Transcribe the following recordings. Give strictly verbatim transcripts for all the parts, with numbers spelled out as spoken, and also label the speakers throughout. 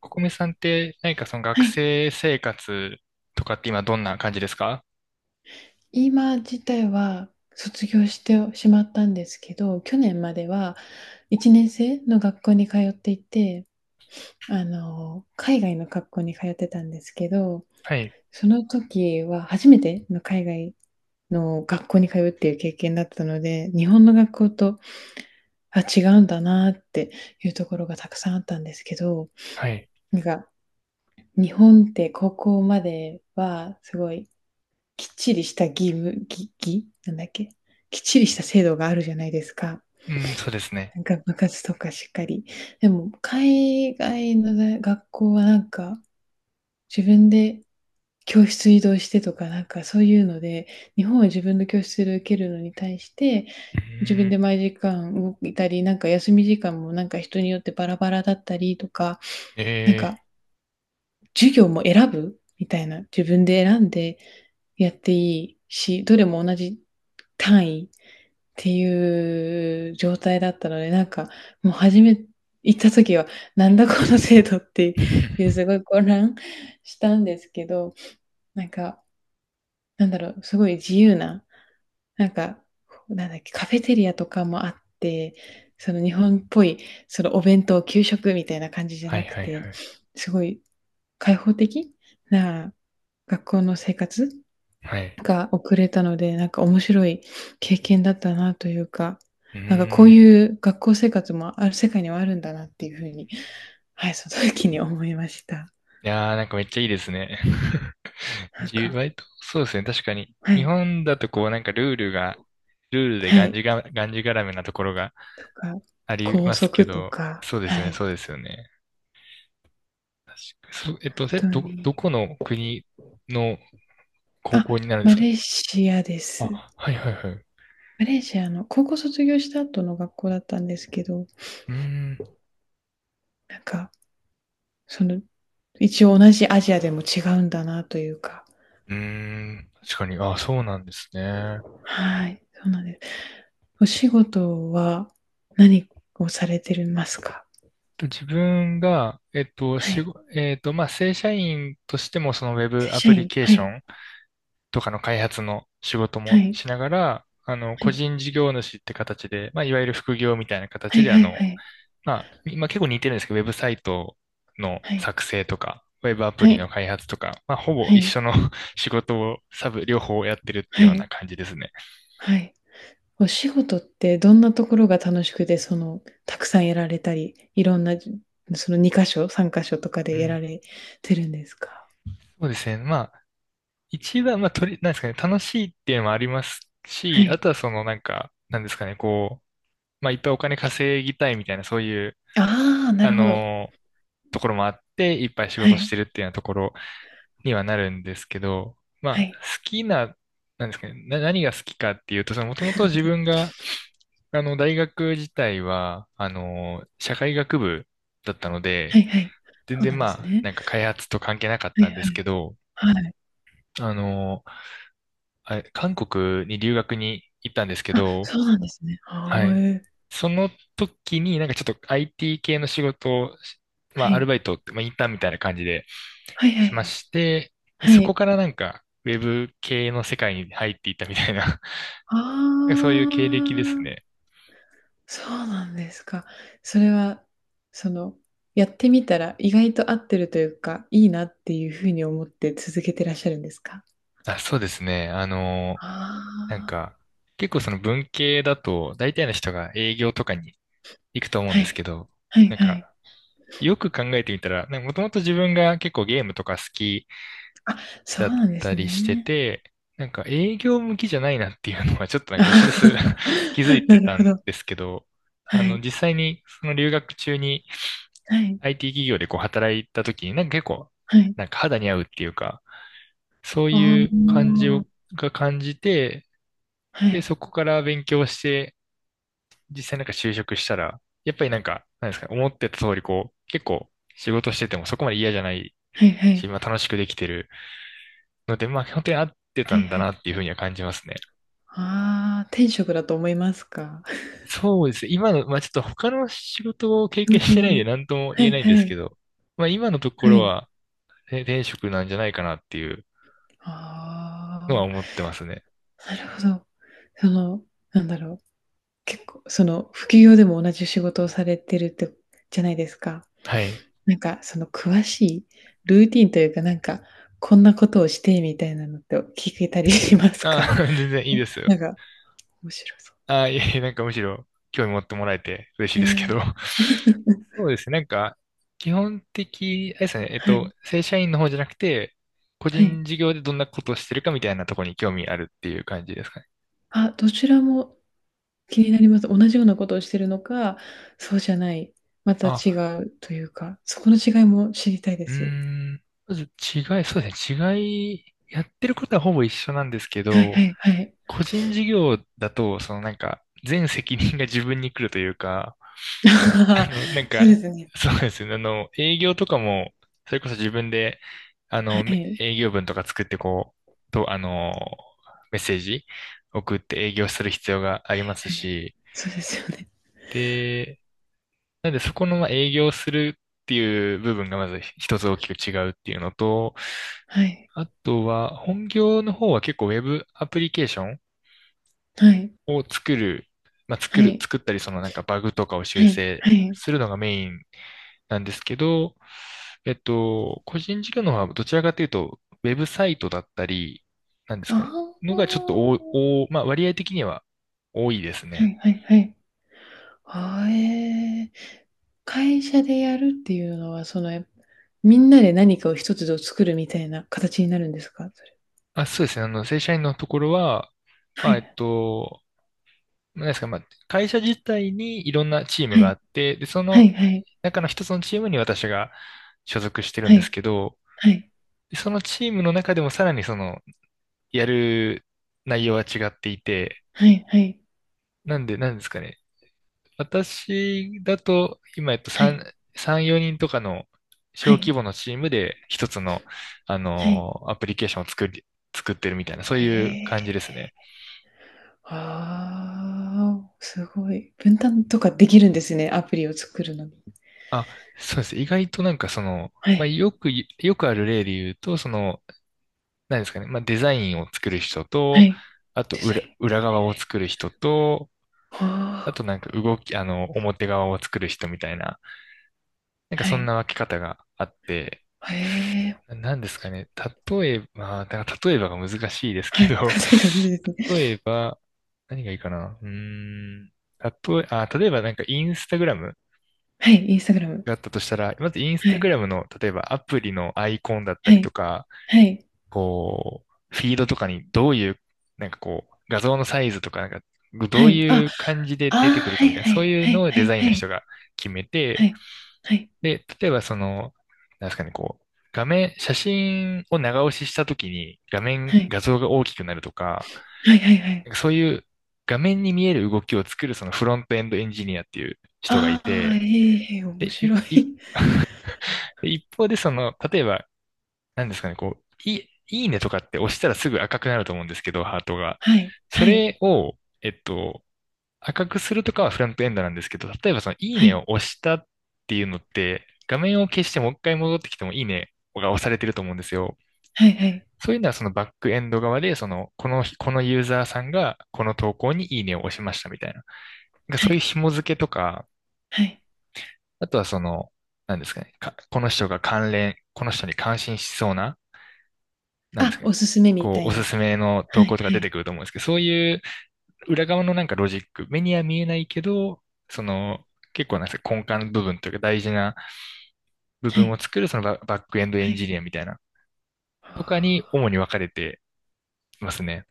Speaker 1: ココミさんって何かその学
Speaker 2: はい。
Speaker 1: 生生活とかって今どんな感じですか？
Speaker 2: 今自体は卒業してしまったんですけど、去年まではいち生の学校に通っていて、あの、海外の学校に通ってたんですけど、
Speaker 1: はい、
Speaker 2: その時は初めての海外の学校に通うっていう経験だったので、日本の学校と、あ、違うんだなっていうところがたくさんあったんですけど、
Speaker 1: はい。
Speaker 2: なんか日本って高校まではすごいきっちりした義務、義、義なんだっけ、きっちりした制度があるじゃないですか。
Speaker 1: うん、そうですね。
Speaker 2: なんか部活とかしっかり。でも、海外のね学校はなんか、自分で教室移動してとか、なんかそういうので、日本は自分の教室で受けるのに対して、
Speaker 1: う
Speaker 2: 自
Speaker 1: ー
Speaker 2: 分で
Speaker 1: ん、
Speaker 2: 毎時間動いたり、なんか休み時間もなんか人によってバラバラだったりとか、なん
Speaker 1: え
Speaker 2: か
Speaker 1: え
Speaker 2: 授業も選ぶみたいな、自分で選んでやっていいし、どれも同じ単位っていう状態だったので、なんかもう初め行った時は、なんだこの制度っていう
Speaker 1: ー
Speaker 2: すご い混乱したんですけど、なんか、なんだろう、すごい自由ななんか、なんだっけ、カフェテリアとかもあって、その日本っぽい、そのお弁当、給食みたいな感じじゃ
Speaker 1: はい
Speaker 2: なく
Speaker 1: はい
Speaker 2: て、
Speaker 1: はい。
Speaker 2: すごい開放的な学校の生活
Speaker 1: はい。
Speaker 2: が送れたので、なんか面白い経験だったなというか、
Speaker 1: う
Speaker 2: なんかこう
Speaker 1: ーん。
Speaker 2: いう学校生活もある世界にはあるんだなっていうふうに、はい、その時に思いました。
Speaker 1: いやーなんかめっちゃいいですね。
Speaker 2: なん
Speaker 1: 自由、
Speaker 2: か、
Speaker 1: 割と、そうですね。確かに。
Speaker 2: は
Speaker 1: 日
Speaker 2: い、
Speaker 1: 本だとこうなんかルールが、ルールで
Speaker 2: は
Speaker 1: がんじ
Speaker 2: い、
Speaker 1: が、がんじがらめなところが
Speaker 2: とか、
Speaker 1: あり
Speaker 2: 校
Speaker 1: ますけ
Speaker 2: 則と
Speaker 1: ど、
Speaker 2: か、
Speaker 1: そうですよ
Speaker 2: は
Speaker 1: ね、
Speaker 2: い、
Speaker 1: そうですよね。そ、えっ
Speaker 2: 本
Speaker 1: と、せ、
Speaker 2: 当
Speaker 1: ど、ど
Speaker 2: に。
Speaker 1: この国の高
Speaker 2: あ、
Speaker 1: 校になるんで
Speaker 2: マ
Speaker 1: すか？
Speaker 2: レーシアです。
Speaker 1: あ、はいはいはい。
Speaker 2: マレーシアの高校卒業した後の学校だったんですけど、
Speaker 1: うーん。
Speaker 2: なんか、その、一応同じアジアでも違うんだなというか、
Speaker 1: うーん。確かに。あ、そうなんですね。
Speaker 2: はい、そうなんです。お仕事は何をされてますか？
Speaker 1: と自分が、えっと、
Speaker 2: は
Speaker 1: し
Speaker 2: い。
Speaker 1: ご、えっと、まあ、正社員としても、そのウェ
Speaker 2: 正
Speaker 1: ブア
Speaker 2: 社
Speaker 1: プリ
Speaker 2: 員、
Speaker 1: ケー
Speaker 2: は
Speaker 1: ショ
Speaker 2: い、
Speaker 1: ンとかの開発の仕事
Speaker 2: は
Speaker 1: も
Speaker 2: い、
Speaker 1: しながら、あの、
Speaker 2: は
Speaker 1: 個
Speaker 2: い、
Speaker 1: 人事業主って形で、まあ、いわゆる副業みたいな
Speaker 2: は
Speaker 1: 形
Speaker 2: い
Speaker 1: で、あ
Speaker 2: はい
Speaker 1: の、
Speaker 2: はい、
Speaker 1: まあ、今結構似てるんですけど、ウェブサイトの
Speaker 2: はい、
Speaker 1: 作成とか、ウェブアプ
Speaker 2: は
Speaker 1: リの
Speaker 2: い、
Speaker 1: 開発とか、まあ、ほぼ
Speaker 2: は
Speaker 1: 一
Speaker 2: い、
Speaker 1: 緒の 仕事をサブ、両方やってるってい
Speaker 2: は
Speaker 1: うような
Speaker 2: い、
Speaker 1: 感じですね。
Speaker 2: はい。お仕事ってどんなところが楽しくて、その、たくさんやられたり、いろんな、そのに箇所、さん箇所とか
Speaker 1: う
Speaker 2: でやら
Speaker 1: ん、
Speaker 2: れてるんですか？
Speaker 1: そうですね。ま一番、まあ、とり、なんですかね、楽しいっていうのもあります
Speaker 2: は
Speaker 1: し、あ
Speaker 2: い。
Speaker 1: とはその、なんか、なんですかね、こう、まあ、いっぱいお金稼ぎたいみたいな、そういう、
Speaker 2: ああ、な
Speaker 1: あ
Speaker 2: るほど。
Speaker 1: のーところもあって、いっぱい仕
Speaker 2: は
Speaker 1: 事し
Speaker 2: い。
Speaker 1: てるっていうようなところにはなるんですけど、ま
Speaker 2: は
Speaker 1: あ、好
Speaker 2: い。
Speaker 1: きな、なんですかね、な、何が好きかっていうと、その、もともと自分が、あの、大学自体は、あのー社会学部だったの
Speaker 2: は
Speaker 1: で、
Speaker 2: いはい。
Speaker 1: 全
Speaker 2: そうな
Speaker 1: 然
Speaker 2: んです
Speaker 1: まあ、
Speaker 2: ね。
Speaker 1: なんか開発と関係なかっ
Speaker 2: はい
Speaker 1: た
Speaker 2: は
Speaker 1: んですけど、
Speaker 2: い。はい。
Speaker 1: あのあれ韓国に留学に行ったんですけ
Speaker 2: あ、
Speaker 1: ど、
Speaker 2: そうなんですね。
Speaker 1: は
Speaker 2: は
Speaker 1: い。
Speaker 2: ーい
Speaker 1: その時になんかちょっと アイティー 系の仕事を、まあアルバイトって、まあインターンみたいな感じで
Speaker 2: はいは
Speaker 1: し
Speaker 2: い
Speaker 1: ま
Speaker 2: はい
Speaker 1: して、で、
Speaker 2: はい。
Speaker 1: そ
Speaker 2: は
Speaker 1: こ
Speaker 2: い。
Speaker 1: からなんかウェブ系の世界に入っていったみたいな、 なんか
Speaker 2: あ
Speaker 1: そういう経歴ですね。
Speaker 2: あ。そうなんですか。それは、その、やってみたら意外と合ってるというか、いいなっていうふうに思って続けてらっしゃるんですか？
Speaker 1: あ、そうですね。あの、
Speaker 2: あ
Speaker 1: なんか結構その文系だと大体の人が営業とかに行くと思
Speaker 2: あ、
Speaker 1: うん
Speaker 2: は
Speaker 1: ですけ
Speaker 2: い。
Speaker 1: ど、
Speaker 2: はい
Speaker 1: なん
Speaker 2: は
Speaker 1: か
Speaker 2: い。
Speaker 1: よく考えてみたら、なんかもともと自分が結構ゲームとか好き
Speaker 2: あ、そ
Speaker 1: だ
Speaker 2: う
Speaker 1: っ
Speaker 2: なんで
Speaker 1: た
Speaker 2: す
Speaker 1: りして
Speaker 2: ね。
Speaker 1: て、なんか営業向きじゃないなっていうのはちょっとなんか薄
Speaker 2: あ
Speaker 1: 々 気
Speaker 2: あ
Speaker 1: づい て
Speaker 2: なる
Speaker 1: た
Speaker 2: ほ
Speaker 1: ん
Speaker 2: ど。
Speaker 1: ですけど、あ
Speaker 2: は
Speaker 1: の
Speaker 2: い。
Speaker 1: 実際にその留学中に
Speaker 2: はい。
Speaker 1: アイティー 企業でこう働いた時になんか結構
Speaker 2: はい。
Speaker 1: なんか肌に合うっていうか、そう
Speaker 2: あ
Speaker 1: いう感じを
Speaker 2: あ、
Speaker 1: が感じて、
Speaker 2: は
Speaker 1: で、
Speaker 2: い。
Speaker 1: そこから勉強して、実際なんか就職したら、やっぱりなんか、なんですか、思ってた通りこう、結構仕事しててもそこまで嫌じゃない
Speaker 2: はいは
Speaker 1: し、
Speaker 2: い。
Speaker 1: まあ楽しくできてるので、まあ本当に合って
Speaker 2: は
Speaker 1: た
Speaker 2: い
Speaker 1: んだ
Speaker 2: は
Speaker 1: な
Speaker 2: い。
Speaker 1: っていうふうには感じますね。
Speaker 2: ああ、天職だと思いますか？
Speaker 1: そうですね。今の、まあちょっと他の仕事を経
Speaker 2: 仕
Speaker 1: 験し
Speaker 2: 事
Speaker 1: てな
Speaker 2: も
Speaker 1: いんで
Speaker 2: ね。
Speaker 1: 何とも
Speaker 2: は
Speaker 1: 言え
Speaker 2: い
Speaker 1: ないんで
Speaker 2: は
Speaker 1: すけ
Speaker 2: い。
Speaker 1: ど、まあ今のとこ
Speaker 2: は
Speaker 1: ろ
Speaker 2: い。
Speaker 1: は、ね転職なんじゃないかなっていう
Speaker 2: あ
Speaker 1: のは
Speaker 2: あ。
Speaker 1: 思ってますね。
Speaker 2: なるほど。その、なんだろう、結構、その、副業でも同じ仕事をされてるって、じゃないですか。
Speaker 1: はい。
Speaker 2: なんか、その、詳しいルーティンというか、なんか、こんなことをしてみたいなのって聞けたりしますか？
Speaker 1: あ、全然いいです よ。
Speaker 2: なんか、面白そう。
Speaker 1: あ、いえいえ、なんかむしろ興味持ってもらえて嬉しい
Speaker 2: え
Speaker 1: ですけ
Speaker 2: え、
Speaker 1: ど。そうですね。なんか、基本的、あれですね。えっ
Speaker 2: は
Speaker 1: と、
Speaker 2: い、
Speaker 1: 正社員の方じゃなくて、個
Speaker 2: はい。
Speaker 1: 人事業でどんなことをしてるかみたいなところに興味あるっていう感じですかね。
Speaker 2: あ、どちらも気になります。同じようなことをしてるのか、そうじゃない、また違
Speaker 1: あ、
Speaker 2: うというか、そこの違いも知りたいで
Speaker 1: う
Speaker 2: す。
Speaker 1: ーん。まず違い、そうですね。違い、やってることはほぼ一緒なんですけ
Speaker 2: はいは
Speaker 1: ど、
Speaker 2: いはい。
Speaker 1: 個人事業だと、そのなんか、全責任が自分に来るというか、あ の、なん
Speaker 2: そうで
Speaker 1: か、
Speaker 2: すね。
Speaker 1: そうですね。あの、営業とかも、それこそ自分で、あ
Speaker 2: は
Speaker 1: の、
Speaker 2: い。
Speaker 1: 営業文とか作ってこう、と、あの、メッセージ送って営業する必要があります
Speaker 2: ええ、
Speaker 1: し、
Speaker 2: そうですよね。
Speaker 1: で、なんでそこのまあ営業するっていう部分がまず一つ大きく違うっていうのと、
Speaker 2: はい。
Speaker 1: あとは、本業の方は結構ウェブアプリケーション
Speaker 2: はい。
Speaker 1: を作る、まあ、
Speaker 2: は
Speaker 1: 作る、
Speaker 2: い。
Speaker 1: 作ったり、そのなんかバグとかを
Speaker 2: は
Speaker 1: 修
Speaker 2: い。
Speaker 1: 正
Speaker 2: はい。
Speaker 1: するのがメインなんですけど、えっと、個人事業の方はどちらかというと、ウェブサイトだったり、なんです
Speaker 2: あ
Speaker 1: かね、の
Speaker 2: あ。
Speaker 1: がちょっとお、お、まあ、割合的には多いです
Speaker 2: は
Speaker 1: ね。
Speaker 2: いはいはい。ああ、ええ。会社でやるっていうのは、その、え、みんなで何かを一つを作るみたいな形になるんですか？それ。
Speaker 1: あ、そうですね。あの、正社員のところは、ま
Speaker 2: は
Speaker 1: あ、えっ
Speaker 2: い。
Speaker 1: と、なんですか、まあ、会社自体にいろんなチーム
Speaker 2: は
Speaker 1: があ
Speaker 2: い。
Speaker 1: って、で、そ
Speaker 2: は
Speaker 1: の
Speaker 2: いはい。
Speaker 1: 中の一つのチームに私が所属してるん
Speaker 2: は
Speaker 1: です
Speaker 2: い。
Speaker 1: けど、
Speaker 2: はい。
Speaker 1: でそのチームの中でもさらにその、やる内容は違っていて、
Speaker 2: はいはい。
Speaker 1: なんで、なんですかね。私だと、今、えっと、
Speaker 2: はい。
Speaker 1: さん、さん、よにんとかの
Speaker 2: は
Speaker 1: 小規
Speaker 2: い。
Speaker 1: 模のチームで一つの、あ
Speaker 2: はい。
Speaker 1: の、アプリケーションを作り、作ってるみたいな、そう
Speaker 2: へ
Speaker 1: いう
Speaker 2: え。
Speaker 1: 感じですね。
Speaker 2: ああ、すごい。分担とかできるんですね、アプリを作るのに。
Speaker 1: あ、そうです。意外となんかその、
Speaker 2: は
Speaker 1: まあ、
Speaker 2: い。
Speaker 1: よくい、よくある例で言うと、その、何ですかね、まあ、デザインを作る人
Speaker 2: は
Speaker 1: と、
Speaker 2: い。
Speaker 1: あと
Speaker 2: デザイ
Speaker 1: 裏、
Speaker 2: ン。は
Speaker 1: 裏側
Speaker 2: いは
Speaker 1: を
Speaker 2: い。
Speaker 1: 作る人と、あ
Speaker 2: はあ、
Speaker 1: となんか動き、あの、表側を作る人みたいな、なんか
Speaker 2: は
Speaker 1: そんな
Speaker 2: い。
Speaker 1: 分け方があって、
Speaker 2: へえ、
Speaker 1: ななんですかね、例えば、まあだから例えばが難しいです
Speaker 2: は
Speaker 1: け
Speaker 2: い。
Speaker 1: ど、
Speaker 2: そうかいですね。
Speaker 1: 例えば、何がいいかな、うーん、例え、あ、例えばなんかインスタグラム
Speaker 2: はい、インスタグラム。
Speaker 1: があったとしたら、まずインス
Speaker 2: は
Speaker 1: タグ
Speaker 2: い。
Speaker 1: ラムの、例えばアプリのアイコンだった
Speaker 2: は
Speaker 1: りと
Speaker 2: い。
Speaker 1: か、
Speaker 2: はい。
Speaker 1: こう、フィードとかにどういう、なんかこう、画像のサイズとか、なんか、ど
Speaker 2: は
Speaker 1: う
Speaker 2: い。あ、
Speaker 1: いう感じで
Speaker 2: ああ、
Speaker 1: 出てくる
Speaker 2: は
Speaker 1: かみた
Speaker 2: い
Speaker 1: いな、
Speaker 2: は
Speaker 1: そう
Speaker 2: い
Speaker 1: いう
Speaker 2: は
Speaker 1: の
Speaker 2: い
Speaker 1: を
Speaker 2: は
Speaker 1: デ
Speaker 2: い
Speaker 1: ザイン
Speaker 2: は
Speaker 1: の人
Speaker 2: い。
Speaker 1: が決め
Speaker 2: は
Speaker 1: て、
Speaker 2: い。はい。
Speaker 1: で、例えばその、なんですかね、こう、画面、写真を長押ししたときに画
Speaker 2: は
Speaker 1: 面、
Speaker 2: い。
Speaker 1: 画像が大きくなるとか、
Speaker 2: はいはいは
Speaker 1: な
Speaker 2: い。
Speaker 1: んかそういう画面に見える動きを作るそのフロントエンドエンジニアっていう人がい
Speaker 2: ああ、え
Speaker 1: て、
Speaker 2: え、へえ、面
Speaker 1: で、い
Speaker 2: 白
Speaker 1: い
Speaker 2: い。
Speaker 1: 一方でその、例えばなんですかね、こう、いい、いいねとかって押したらすぐ赤くなると思うんですけど、ハートが。
Speaker 2: はい。
Speaker 1: そ
Speaker 2: はい。
Speaker 1: れを、えっと、赤くするとかはフロントエンドなんですけど、例えばそのいい
Speaker 2: は
Speaker 1: ね
Speaker 2: い。
Speaker 1: を押したっていうのって、画面を消してもう一回戻ってきてもいいねが押されてると思うんですよ。
Speaker 2: はいはい。
Speaker 1: そういうのはそのバックエンド側で、その、この、このユーザーさんがこの投稿にいいねを押しましたみたいな。なんか
Speaker 2: は
Speaker 1: そういう
Speaker 2: い。
Speaker 1: 紐付けとか、
Speaker 2: はい。
Speaker 1: あとはその、なんですかね、かこの人が関連、この人に関心しそうな、なんです
Speaker 2: あ、
Speaker 1: かね、
Speaker 2: おすすめみ
Speaker 1: こ
Speaker 2: た
Speaker 1: う、お
Speaker 2: い
Speaker 1: す
Speaker 2: な。
Speaker 1: すめの
Speaker 2: は
Speaker 1: 投稿
Speaker 2: い
Speaker 1: とか
Speaker 2: は
Speaker 1: 出て
Speaker 2: い。
Speaker 1: くると思うんですけど、そういう裏側のなんかロジック、目には見えないけど、その、結構なんですか、根幹の部分というか大事な部
Speaker 2: は
Speaker 1: 分を
Speaker 2: い。
Speaker 1: 作る、そのババックエンドエ
Speaker 2: は
Speaker 1: ンジ
Speaker 2: い。
Speaker 1: ニアみたいな、
Speaker 2: あ
Speaker 1: とかに主
Speaker 2: あ、
Speaker 1: に分かれてますね。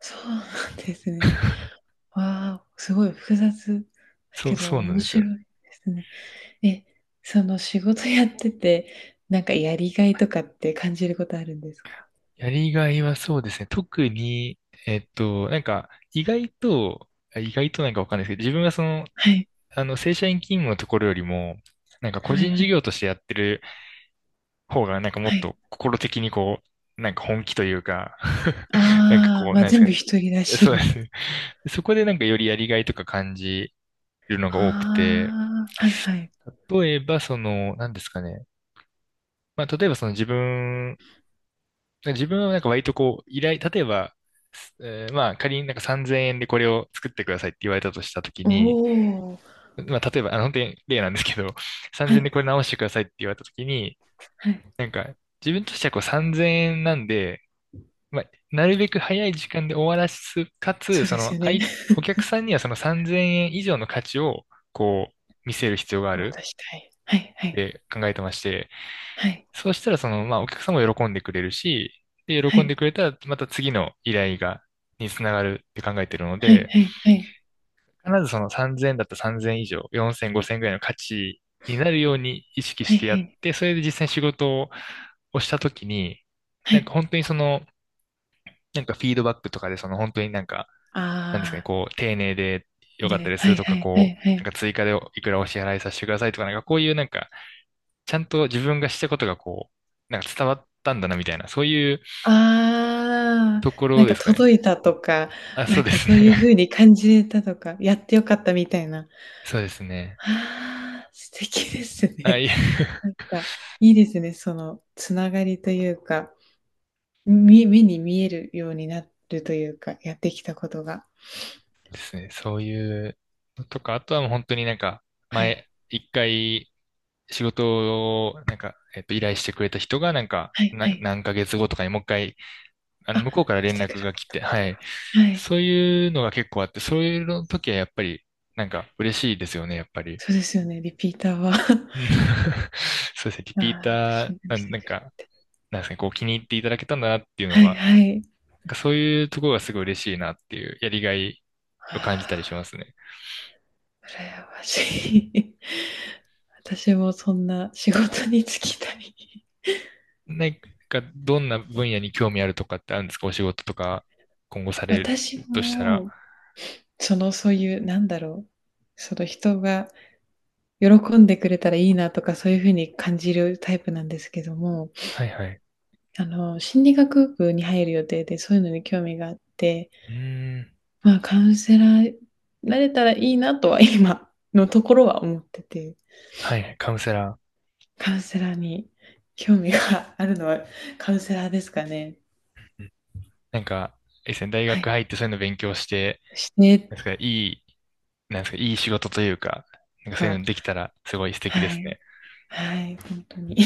Speaker 2: そうなんですね。わあ、すごい複雑だ
Speaker 1: そ
Speaker 2: け
Speaker 1: う、そ
Speaker 2: ど
Speaker 1: うなん
Speaker 2: 面
Speaker 1: ですよ。
Speaker 2: 白いですね。え、その仕事やってて、なんかやりがいとかって感じることあるんですか？
Speaker 1: やりがいはそうですね。特に、えっと、なんか、意外と、あ意外となんかわかんないですけど、自分はその、
Speaker 2: はい。
Speaker 1: あの、正社員勤務のところよりも、なんか個
Speaker 2: はい
Speaker 1: 人
Speaker 2: は
Speaker 1: 事
Speaker 2: い。
Speaker 1: 業としてやってる方が、なんかも
Speaker 2: は
Speaker 1: っ
Speaker 2: い。
Speaker 1: と心的にこう、なんか本気というか、 なんか
Speaker 2: ああ、
Speaker 1: こう、
Speaker 2: まあ、
Speaker 1: なんです
Speaker 2: 全
Speaker 1: か
Speaker 2: 部
Speaker 1: ね。
Speaker 2: 一人だ
Speaker 1: え
Speaker 2: し、
Speaker 1: そうで
Speaker 2: みた
Speaker 1: す
Speaker 2: いな。
Speaker 1: ね。そこでなんかよりやりがいとか感じるのが多くて、
Speaker 2: ああ、はいはい。
Speaker 1: 例えばその、なんですかね。まあ、例えばその自分、自分はなんか割とこう、依頼、例えば、えーまあ仮になんかさんぜんえんでこれを作ってくださいって言われたとしたとき
Speaker 2: お
Speaker 1: に、
Speaker 2: お、
Speaker 1: まあ例えば、あの本当に例なんですけど、
Speaker 2: は
Speaker 1: さんぜんえん
Speaker 2: い
Speaker 1: でこれ直してくださいって言われたときに、
Speaker 2: はい。
Speaker 1: なんか自分としてはこうさんぜんえんなんで、まあ、なるべく早い時間で終わらす、かつ、
Speaker 2: そう
Speaker 1: そ
Speaker 2: です
Speaker 1: の、
Speaker 2: よ
Speaker 1: あ
Speaker 2: ね。
Speaker 1: い、お客さんにはそのさんぜんえん以上の価値を、こう、見せる必要があるっ
Speaker 2: 渡したい。はいはい。
Speaker 1: て考えてまして、
Speaker 2: はい
Speaker 1: そうしたら、その、まあ、お客さんも喜んでくれるし、で、
Speaker 2: は
Speaker 1: 喜ん
Speaker 2: い
Speaker 1: でくれたら、また次の依頼が、につながるって考えてるの
Speaker 2: はい
Speaker 1: で、
Speaker 2: はいはい。
Speaker 1: 必ずそのさんぜんえんだったらさんぜんえん以上、よんせん、ごせんぐらいの価値になるように意識
Speaker 2: は
Speaker 1: し
Speaker 2: い
Speaker 1: てや
Speaker 2: は
Speaker 1: っ
Speaker 2: い。
Speaker 1: て、それで実際に仕事をしたときに、
Speaker 2: は
Speaker 1: なんか
Speaker 2: い。
Speaker 1: 本当にその、なんかフィードバックとかで、その本当になんか、なんですかね、
Speaker 2: ああ、
Speaker 1: こう、丁寧で良かった
Speaker 2: で、
Speaker 1: で
Speaker 2: は
Speaker 1: す
Speaker 2: い
Speaker 1: と
Speaker 2: は
Speaker 1: か、
Speaker 2: いはい
Speaker 1: こ
Speaker 2: は
Speaker 1: う、
Speaker 2: い。
Speaker 1: なんか追加でいくらお支払いさせてくださいとか、なんかこういうなんか、ちゃんと自分がしたことがこう、なんか伝わったんだなみたいな、そういう
Speaker 2: ああ、
Speaker 1: とこ
Speaker 2: な
Speaker 1: ろ
Speaker 2: ん
Speaker 1: で
Speaker 2: か
Speaker 1: すかね。
Speaker 2: 届いたとか、
Speaker 1: あ、そ
Speaker 2: な
Speaker 1: う
Speaker 2: ん
Speaker 1: で
Speaker 2: か
Speaker 1: す
Speaker 2: そういう
Speaker 1: ね。
Speaker 2: 風に感じれたとか、やってよかったみたいな。
Speaker 1: そうですね。
Speaker 2: ああ、素敵です
Speaker 1: あ、
Speaker 2: ね。
Speaker 1: いえ
Speaker 2: なんかいいですね、そのつながりというか、み目に見えるようになるというか、やってきたことが。
Speaker 1: ですね。そういうのとか、あとはもう本当になんか、
Speaker 2: は
Speaker 1: 前、
Speaker 2: い。
Speaker 1: 一回仕事を、なんか、えっと、依頼してくれた人が、なんか、
Speaker 2: はい
Speaker 1: な、
Speaker 2: はい。
Speaker 1: 何ヶ月後とかにもう一回あの、
Speaker 2: あ、
Speaker 1: 向こうから
Speaker 2: 来
Speaker 1: 連
Speaker 2: てく
Speaker 1: 絡
Speaker 2: だ
Speaker 1: が
Speaker 2: さっ
Speaker 1: 来
Speaker 2: た
Speaker 1: て、
Speaker 2: こと
Speaker 1: はい。
Speaker 2: か。はい。
Speaker 1: そういうのが結構あって、そういうの時はやっぱり、なんか嬉しいですよね、やっぱり。
Speaker 2: そうですよね、リピーターは。
Speaker 1: うん そうですね、リ
Speaker 2: あ
Speaker 1: ピータ
Speaker 2: あ、
Speaker 1: ー、
Speaker 2: 信頼
Speaker 1: な
Speaker 2: し
Speaker 1: ん
Speaker 2: て
Speaker 1: なん
Speaker 2: くれ
Speaker 1: か、
Speaker 2: て。
Speaker 1: なんですかね、こう気に入っていただけたんだなっていうの
Speaker 2: はい
Speaker 1: が、
Speaker 2: はい。
Speaker 1: なんかそういうところがすごい嬉しいなっていう、やりがい
Speaker 2: あ
Speaker 1: を感じたりしますね。
Speaker 2: あ、羨ましい。私もそんな仕事に就きたい。
Speaker 1: なんか、どんな分野に興味あるとかってあるんですかお仕事とか、今後される
Speaker 2: 私
Speaker 1: としたら。
Speaker 2: も、そのそういう、なんだろう、その人が喜んでくれたらいいなとかそういうふうに感じるタイプなんですけども、
Speaker 1: はいはい。
Speaker 2: あの、心理学部に入る予定でそういうのに興味があって、
Speaker 1: うーん。
Speaker 2: まあカウンセラーなれたらいいなとは今のところは思ってて、
Speaker 1: はいはい、カウンセラ
Speaker 2: カウンセラーに興味があるのはカウンセラーですかね。
Speaker 1: ー。うんなんか、え、ですね大
Speaker 2: は
Speaker 1: 学
Speaker 2: い。
Speaker 1: 入ってそういうの勉強して、
Speaker 2: して
Speaker 1: なんですか、いい、なんですか、いい仕事というか、なんかそういう
Speaker 2: か、
Speaker 1: のできたらすごい素敵で
Speaker 2: は
Speaker 1: す
Speaker 2: い。
Speaker 1: ね。
Speaker 2: はい。本当に。